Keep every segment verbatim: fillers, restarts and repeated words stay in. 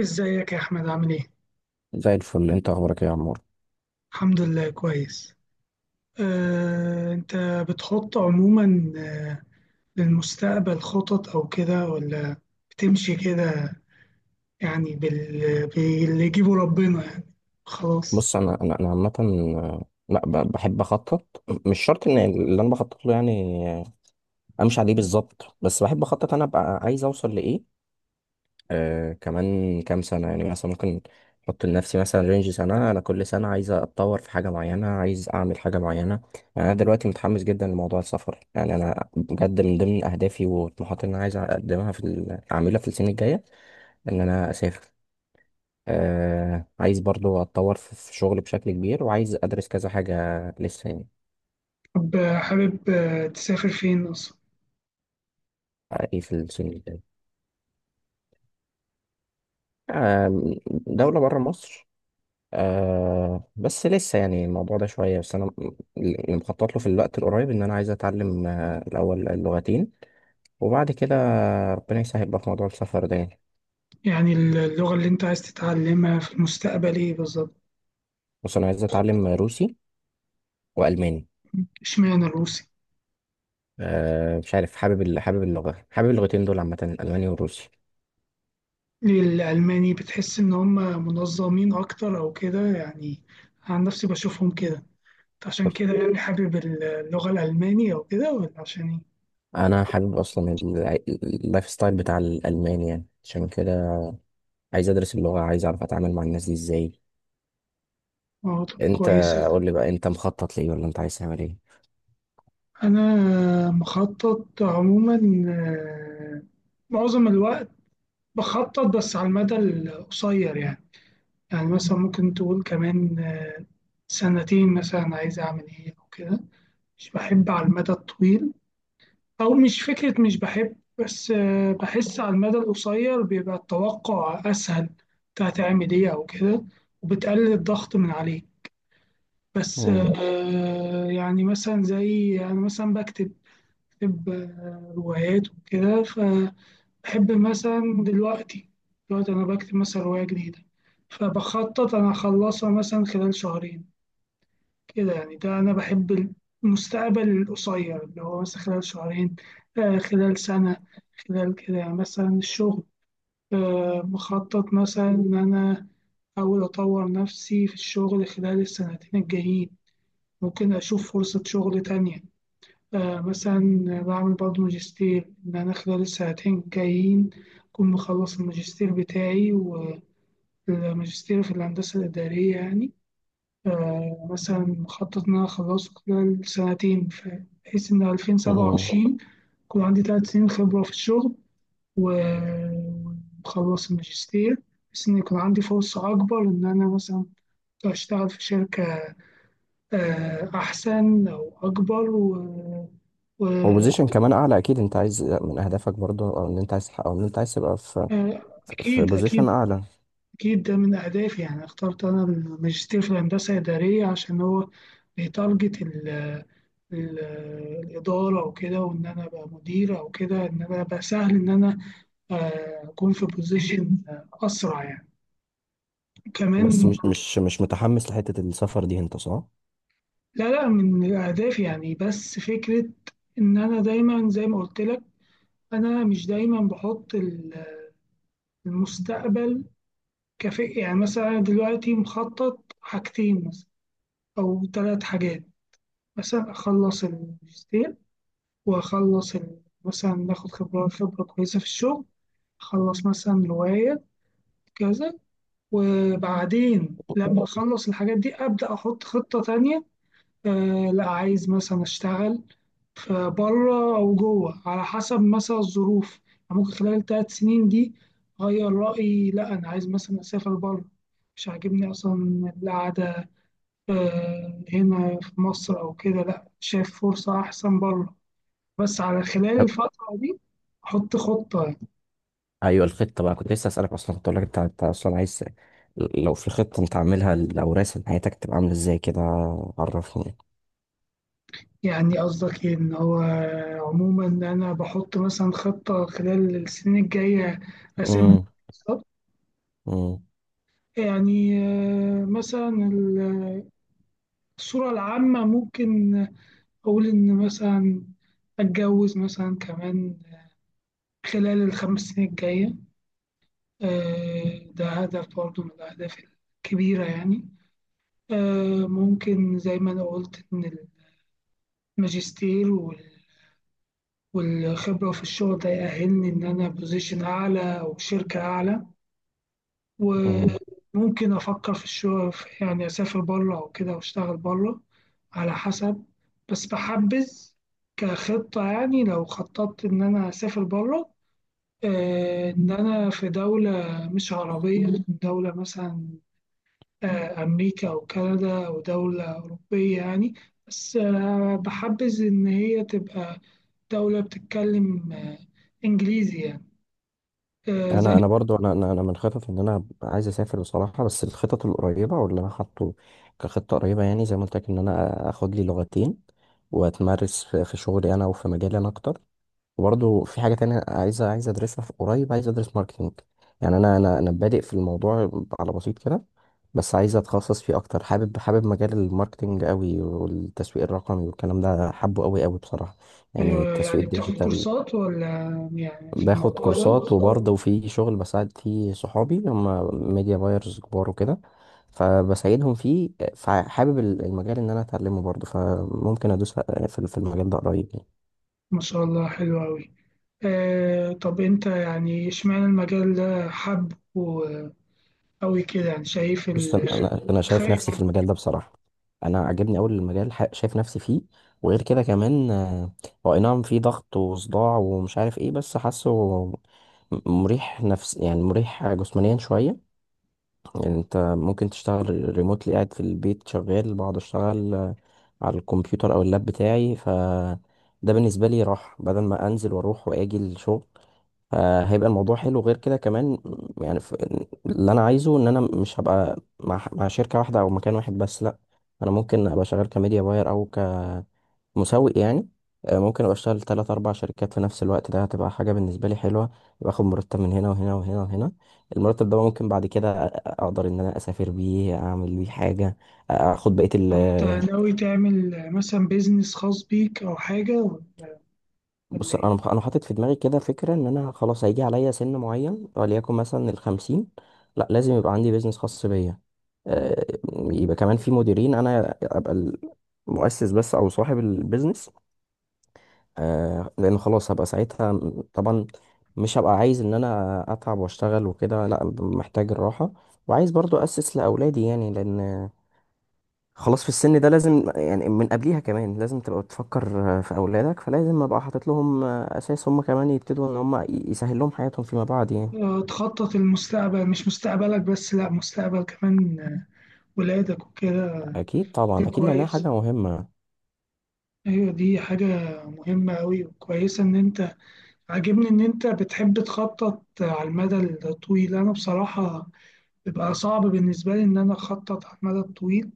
ازيك يا احمد، عامل ايه؟ زي الفل، انت اخبارك ايه يا عمور؟ الحمد لله، كويس. آه، انت بتحط عموما آه، للمستقبل خطط او كده، ولا بتمشي كده، يعني بال... باللي يجيبه ربنا يعني، خلاص؟ بص، انا انا انا عامه، آه، لا ب- بحب اخطط. مش شرط ان اللي انا بخطط له، يعني آه، امشي عليه بالظبط. بس بحب اخطط، انا ابقى عايز اوصل لايه آه كمان كام سنه. يعني مثلا ممكن احط لنفسي مثلا رينج سنه. انا كل سنه عايز اتطور في حاجه معينه، عايز اعمل حاجه معينه. يعني انا دلوقتي متحمس جدا لموضوع السفر. يعني انا بجد من ضمن اهدافي وطموحاتي اللي انا عايز اقدمها في ال- اعملها في السنه الجايه ان انا اسافر. آه عايز برضو اتطور في في شغل بشكل كبير، وعايز ادرس كذا حاجة لسه يعني. طب، آه، حابب آه، تسافر فين اصلا؟ آه، ايه في السنين الجاية؟ آه. دولة بره مصر. آه، بس لسه يعني الموضوع ده شوية. بس انا م- اللي مخطط له في الوقت القريب ان انا عايز اتعلم آه الاول اللغتين، وبعد كده ربنا يسهل بقى في موضوع السفر ده يعني. يعني اللغة اللي انت عايز تتعلمها في المستقبل ايه بالظبط؟ بص، انا عايز اتعلم روسي والماني. اشمعنى الروسي؟ آه مش عارف، حابب ال- حابب اللغة، حابب اللغتين دول عامة، الالماني والروسي. ليه الالماني؟ بتحس ان هم منظمين اكتر او كده يعني. عن نفسي بشوفهم كده، عشان كده يعني حابب اللغة الألمانية وكده، ولا عشان إيه؟ انا حابب اصلا الع- اللايف ستايل بتاع الالمان، يعني عشان كده عايز ادرس اللغه، عايز اعرف اتعامل مع الناس دي ازاي. آه، طب انت، كويس. قول لي بقى، انت مخطط ليه ولا انت عايز تعمل ايه؟ أنا مخطط عموما، آه، معظم الوقت بخطط بس على المدى القصير يعني. يعني مثلا ممكن تقول كمان آه، سنتين مثلا، عايز أعمل إيه أو كده. مش بحب على المدى الطويل، أو مش فكرة، مش بحب، بس آه، بحس على المدى القصير بيبقى التوقع أسهل، بتاع تعمل إيه أو كده، وبتقلل الضغط من عليك. بس مم. آه، يعني مثلا زي أنا مثلا بكتب بكتب آه، روايات وكده، فبحب مثلا دلوقتي دلوقتي أنا بكتب مثلا رواية جديدة، فبخطط أنا أخلصها مثلا خلال شهرين، كده يعني. ده أنا بحب المستقبل القصير، اللي هو مثلا خلال شهرين، آه، خلال سنة، خلال كده يعني. مثلا الشغل، آه، بخطط مثلا إن أنا أحاول أطور نفسي في الشغل خلال السنتين الجايين. ممكن أشوف فرصة شغل تانية آه مثلا، بعمل برضه ماجستير إن أنا خلال السنتين الجايين أكون مخلص الماجستير بتاعي، والماجستير في الهندسة الإدارية يعني. آه مثلا مخطط إن أنا أخلصه خلال سنتين، ف- بحيث إن مم. ألفين وسبعة وعشرين يكون عندي تلات سنين خبرة في الشغل، و- ومخلص الماجستير، بحيث إن يكون عندي فرصة أكبر إن أنا مثلا أشتغل في شركة آه، أحسن أو أكبر و... و... والبوزيشن كمان اعلى، اكيد انت عايز من اهدافك برضه، او ان انت عايز تحقق- او ان انت عايز تبقى في آه، في أكيد بوزيشن أكيد. اعلى. أكيد ده من أهدافي يعني. اخترت أنا الماجستير في الهندسة إدارية عشان هو بيتارجت ال... ال... الإدارة وكده، وإن أنا أبقى مدير أو كده، إن أنا أبقى سهل إن أنا آه، أكون في بوزيشن أسرع يعني، بس كمان. مش مش مش متحمس لحته السفر دي انت، صح؟ لا لا، من أهدافي يعني، بس فكرة إن أنا دايما، زي ما قلت لك، أنا مش دايما بحط ال- المستقبل كافيه يعني. مثلا أنا دلوقتي مخطط حاجتين، مثلا أو ثلاث حاجات. مثلا أخلص الماجستير، وأخلص ال- مثلا ناخد خبرة خبرة كويسة في الشغل، أخلص مثلا هواية، كذا. وبعدين لما أخلص الحاجات دي أبدأ أحط خطة تانية. آه لا، عايز مثلا أشتغل في بره أو جوه، على حسب مثلا الظروف يعني. ممكن خلال ثلاث سنين دي أغير رأيي، لا أنا عايز مثلا أسافر بره، مش عاجبني أصلا القعدة آه، هنا في مصر أو كده، لأ، شايف فرصة أحسن بره، بس على خلال طب، الفترة دي أحط خطة. ايوه، الخطه بقى، كنت لسه اسالك اصلا، كنت اقول لك انت انت اصلا عايز، لو في خطه انت عاملها، لو راسم حياتك تبقى عامله ازاي كده، عرفني. يعني قصدك إيه، إن هو عموما أنا بحط مثلا خطة خلال السنين الجاية، أسامي بالظبط؟ مم. يعني آه، مثلا ال- الصورة العامة ممكن أقول إن مثلا أتجوز مثلا كمان خلال الخمس سنين الجاية. آه، ده هدف برضه من الأهداف الكبيرة يعني. آه، ممكن زي ما أنا قلت إن الماجستير وال- والخبرة في الشغل ده يأهلني إن أنا بوزيشن أعلى أو شركة أعلى، مم. وممكن أفكر في الشغل في- يعني أسافر بره أو كده وأشتغل بره، على حسب. بس بحبذ كخطة، يعني لو خططت إن أنا أسافر بره، آه، إن أنا في دولة مش عربية، دولة مثلا آه، أمريكا أو كندا أو دولة أوروبية يعني، بس آه، بحبذ إن هي تبقى دولة بتتكلم آه، إنجليزي يعني، آه، زي. انا انا برضو انا انا أنا من خطط ان انا عايز اسافر بصراحه. بس الخطط القريبه واللي انا حاطه كخطه قريبه، يعني زي ما قلت لك، ان انا اخد لي لغتين، واتمرس في في شغلي انا، وفي مجالي انا اكتر. وبرضو في حاجه تانية عايز عايز ادرسها في قريب، عايز ادرس ماركتينج. يعني انا انا انا بادئ في الموضوع على بسيط كده، بس عايز اتخصص فيه اكتر. حابب حابب مجال الماركتينج قوي، والتسويق الرقمي والكلام ده حابه قوي قوي بصراحه، يعني أيوة، التسويق يعني بتاخد الديجيتال. كورسات، ولا يعني في باخد الموضوع ده؟ كورسات، وبرضه في شغل بساعد فيه صحابي، هم ميديا بايرز كبار وكده، فبساعدهم فيه. فحابب ال- المجال ان انا اتعلمه برضه، فممكن ادوس في في المجال ده قريب يعني. ما شاء الله، حلو أوي. آه، طب أنت يعني إشمعنى المجال ده حب أوي كده، يعني شايف بص، انا ال انا أنا شايف خير. نفسي في المجال ده بصراحة. انا عاجبني اول المجال، ح- شايف نفسي فيه. وغير كده كمان، آه، هو اي نعم في ضغط وصداع ومش عارف ايه، بس حاسه م- مريح نفس، يعني مريح جسمانيا شوية. يعني انت ممكن تشتغل ريموتلي، قاعد في البيت شغال، بقعد اشتغل آه، على الكمبيوتر او اللاب بتاعي. ف ده بالنسبه لي راحه، بدل ما انزل واروح واجي الشغل. فهيبقى الموضوع حلو، غير كده كمان م، يعني ف- اللي انا عايزه ان انا مش هبقى مع مع شركه واحده او مكان واحد، بس لا. انا ممكن ابقى شغال كميديا باير او مسوق يعني. آه، ممكن ابقى اشتغل تلات اربع شركات في نفس الوقت، ده هتبقى حاجه بالنسبه لي حلوه. باخد مرتب من هنا وهنا وهنا وهنا. المرتب ده ممكن بعد كده أ- اقدر ان انا اسافر بيه، اعمل بيه حاجه، اخد بقيه ال طب أنت آه، ناوي تعمل مثلا بيزنس خاص بيك أو حاجة، ولا بص، انا إيه؟ مخ- انا حاطط في دماغي كده فكره، ان انا خلاص هيجي عليا سن معين، وليكن مثلا الخمسين، لا لازم يبقى عندي بيزنس خاص بيا. آه، يبقى كمان في مديرين، انا ابقى المؤسس بس او صاحب البيزنس. آه لان خلاص هبقى ساعتها م- طبعا مش هبقى عايز ان انا اتعب واشتغل وكده، لا ب- محتاج الراحه. وعايز برضو اسس لاولادي يعني، لان خلاص في السن ده لازم، يعني من قبليها كمان لازم تبقى بتفكر آه، في اولادك، فلازم ابقى حاطط لهم آه، اساس، هم كمان يبتدوا ان هم ي- يسهل لهم حياتهم فيما بعد يعني. آه، تخطط المستقبل، مش مستقبلك بس، لا، مستقبل كمان آه، ولادك وكده. اكيد ده طبعا اكيد، لانها كويس. حاجه مهمه. ايوه، دي حاجة مهمة أوي وكويسة إن أنت. عاجبني إن أنت بتحب تخطط آه، على المدى الطويل. أنا بصراحة بيبقى صعب بالنسبة لي إن أنا أخطط على المدى الطويل،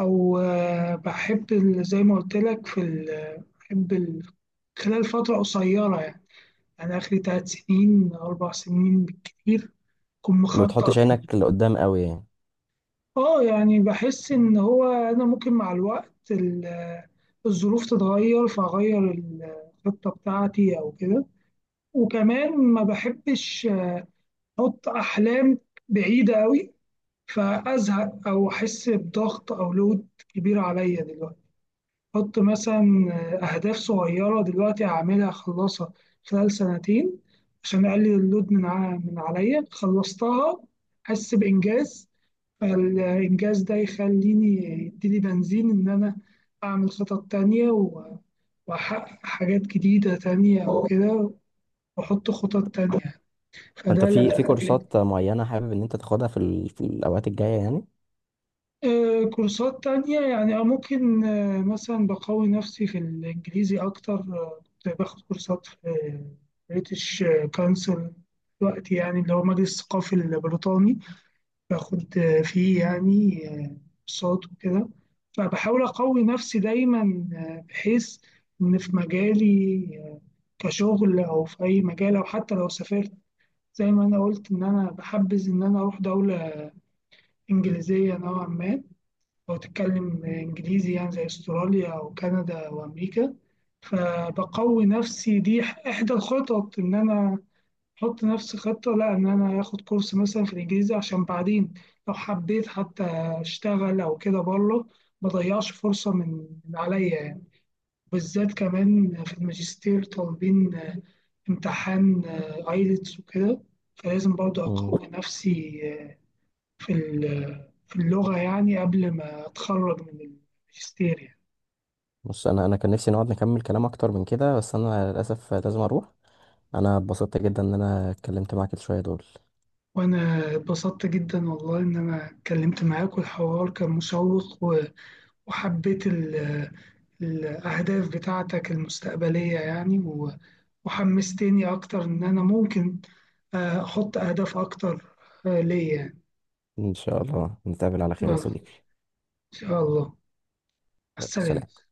أو آه، بحب ال- زي ما قلت لك في ال- بحب ال- خلال فترة قصيرة يعني. أنا آخري تلات سنين أربع سنين بالكتير أكون ما بتحطش مخطط. عينك لقدام قوي يعني. اه، يعني بحس ان هو انا ممكن مع الوقت ال- الظروف تتغير، فاغير الخطه بتاعتي او كده. وكمان ما بحبش احط احلام بعيده قوي فازهق او احس بضغط او لود كبير عليا دلوقتي. حط مثلا أهداف صغيرة دلوقتي هعملها، أخلصها خلال سنتين عشان أقلل اللود من ع- من عليا، خلصتها أحس بإنجاز، فالإنجاز ده يخليني، يديلي بنزين إن أنا أعمل خطط تانية، و- وأحقق حاجات جديدة تانية وكده، وأحط خطط تانية فانت فده. في في كورسات معينه حابب ان انت تاخدها في ال- في الاوقات الجايه يعني؟ آه، كورسات تانية يعني، آه، ممكن آه، مثلا بقوي نفسي في الإنجليزي أكتر. آه، كنت باخد كورسات في بريتش كونسل، دلوقتي يعني اللي هو مجلس الثقافي البريطاني، باخد آه، فيه يعني آه، كورسات وكده، فبحاول أقوي نفسي دايما آه، بحيث إن في مجالي آه، كشغل أو في أي مجال، أو حتى لو سافرت، زي ما أنا قلت إن أنا بحبذ إن أنا أروح دولة إنجليزية نوعا ما، لو تتكلم إنجليزي، يعني زي أستراليا أو كندا وأمريكا. فبقوي نفسي، دي إحدى الخطط إن أنا أحط نفسي خطة، لا إن أنا آخد كورس مثلا في الإنجليزي عشان بعدين لو حبيت حتى أشتغل أو كده بره، ما ضيعش فرصة من من عليا يعني. بالذات كمان في الماجستير طالبين امتحان ايلتس وكده، فلازم برضه أقوي نفسي آه، في ال- في اللغة، يعني قبل ما أتخرج من الماجستير يعني. بص، انا انا كان نفسي نقعد نكمل كلام اكتر من كده، بس انا للاسف لازم اروح. انا اتبسطت جدا ان انا اتكلمت معاك شويه دول. وأنا اتبسطت جدا والله إن أنا اتكلمت معاك، والحوار كان مشوق و- وحبيت ال- الأهداف بتاعتك المستقبلية يعني، و- وحمستني أكتر إن أنا ممكن آه، أحط أهداف أكتر آه، ليا يعني. ان شاء الله نتقابل على خير يا يلا، صديقي. إن شاء الله. يلا سلام. السلام.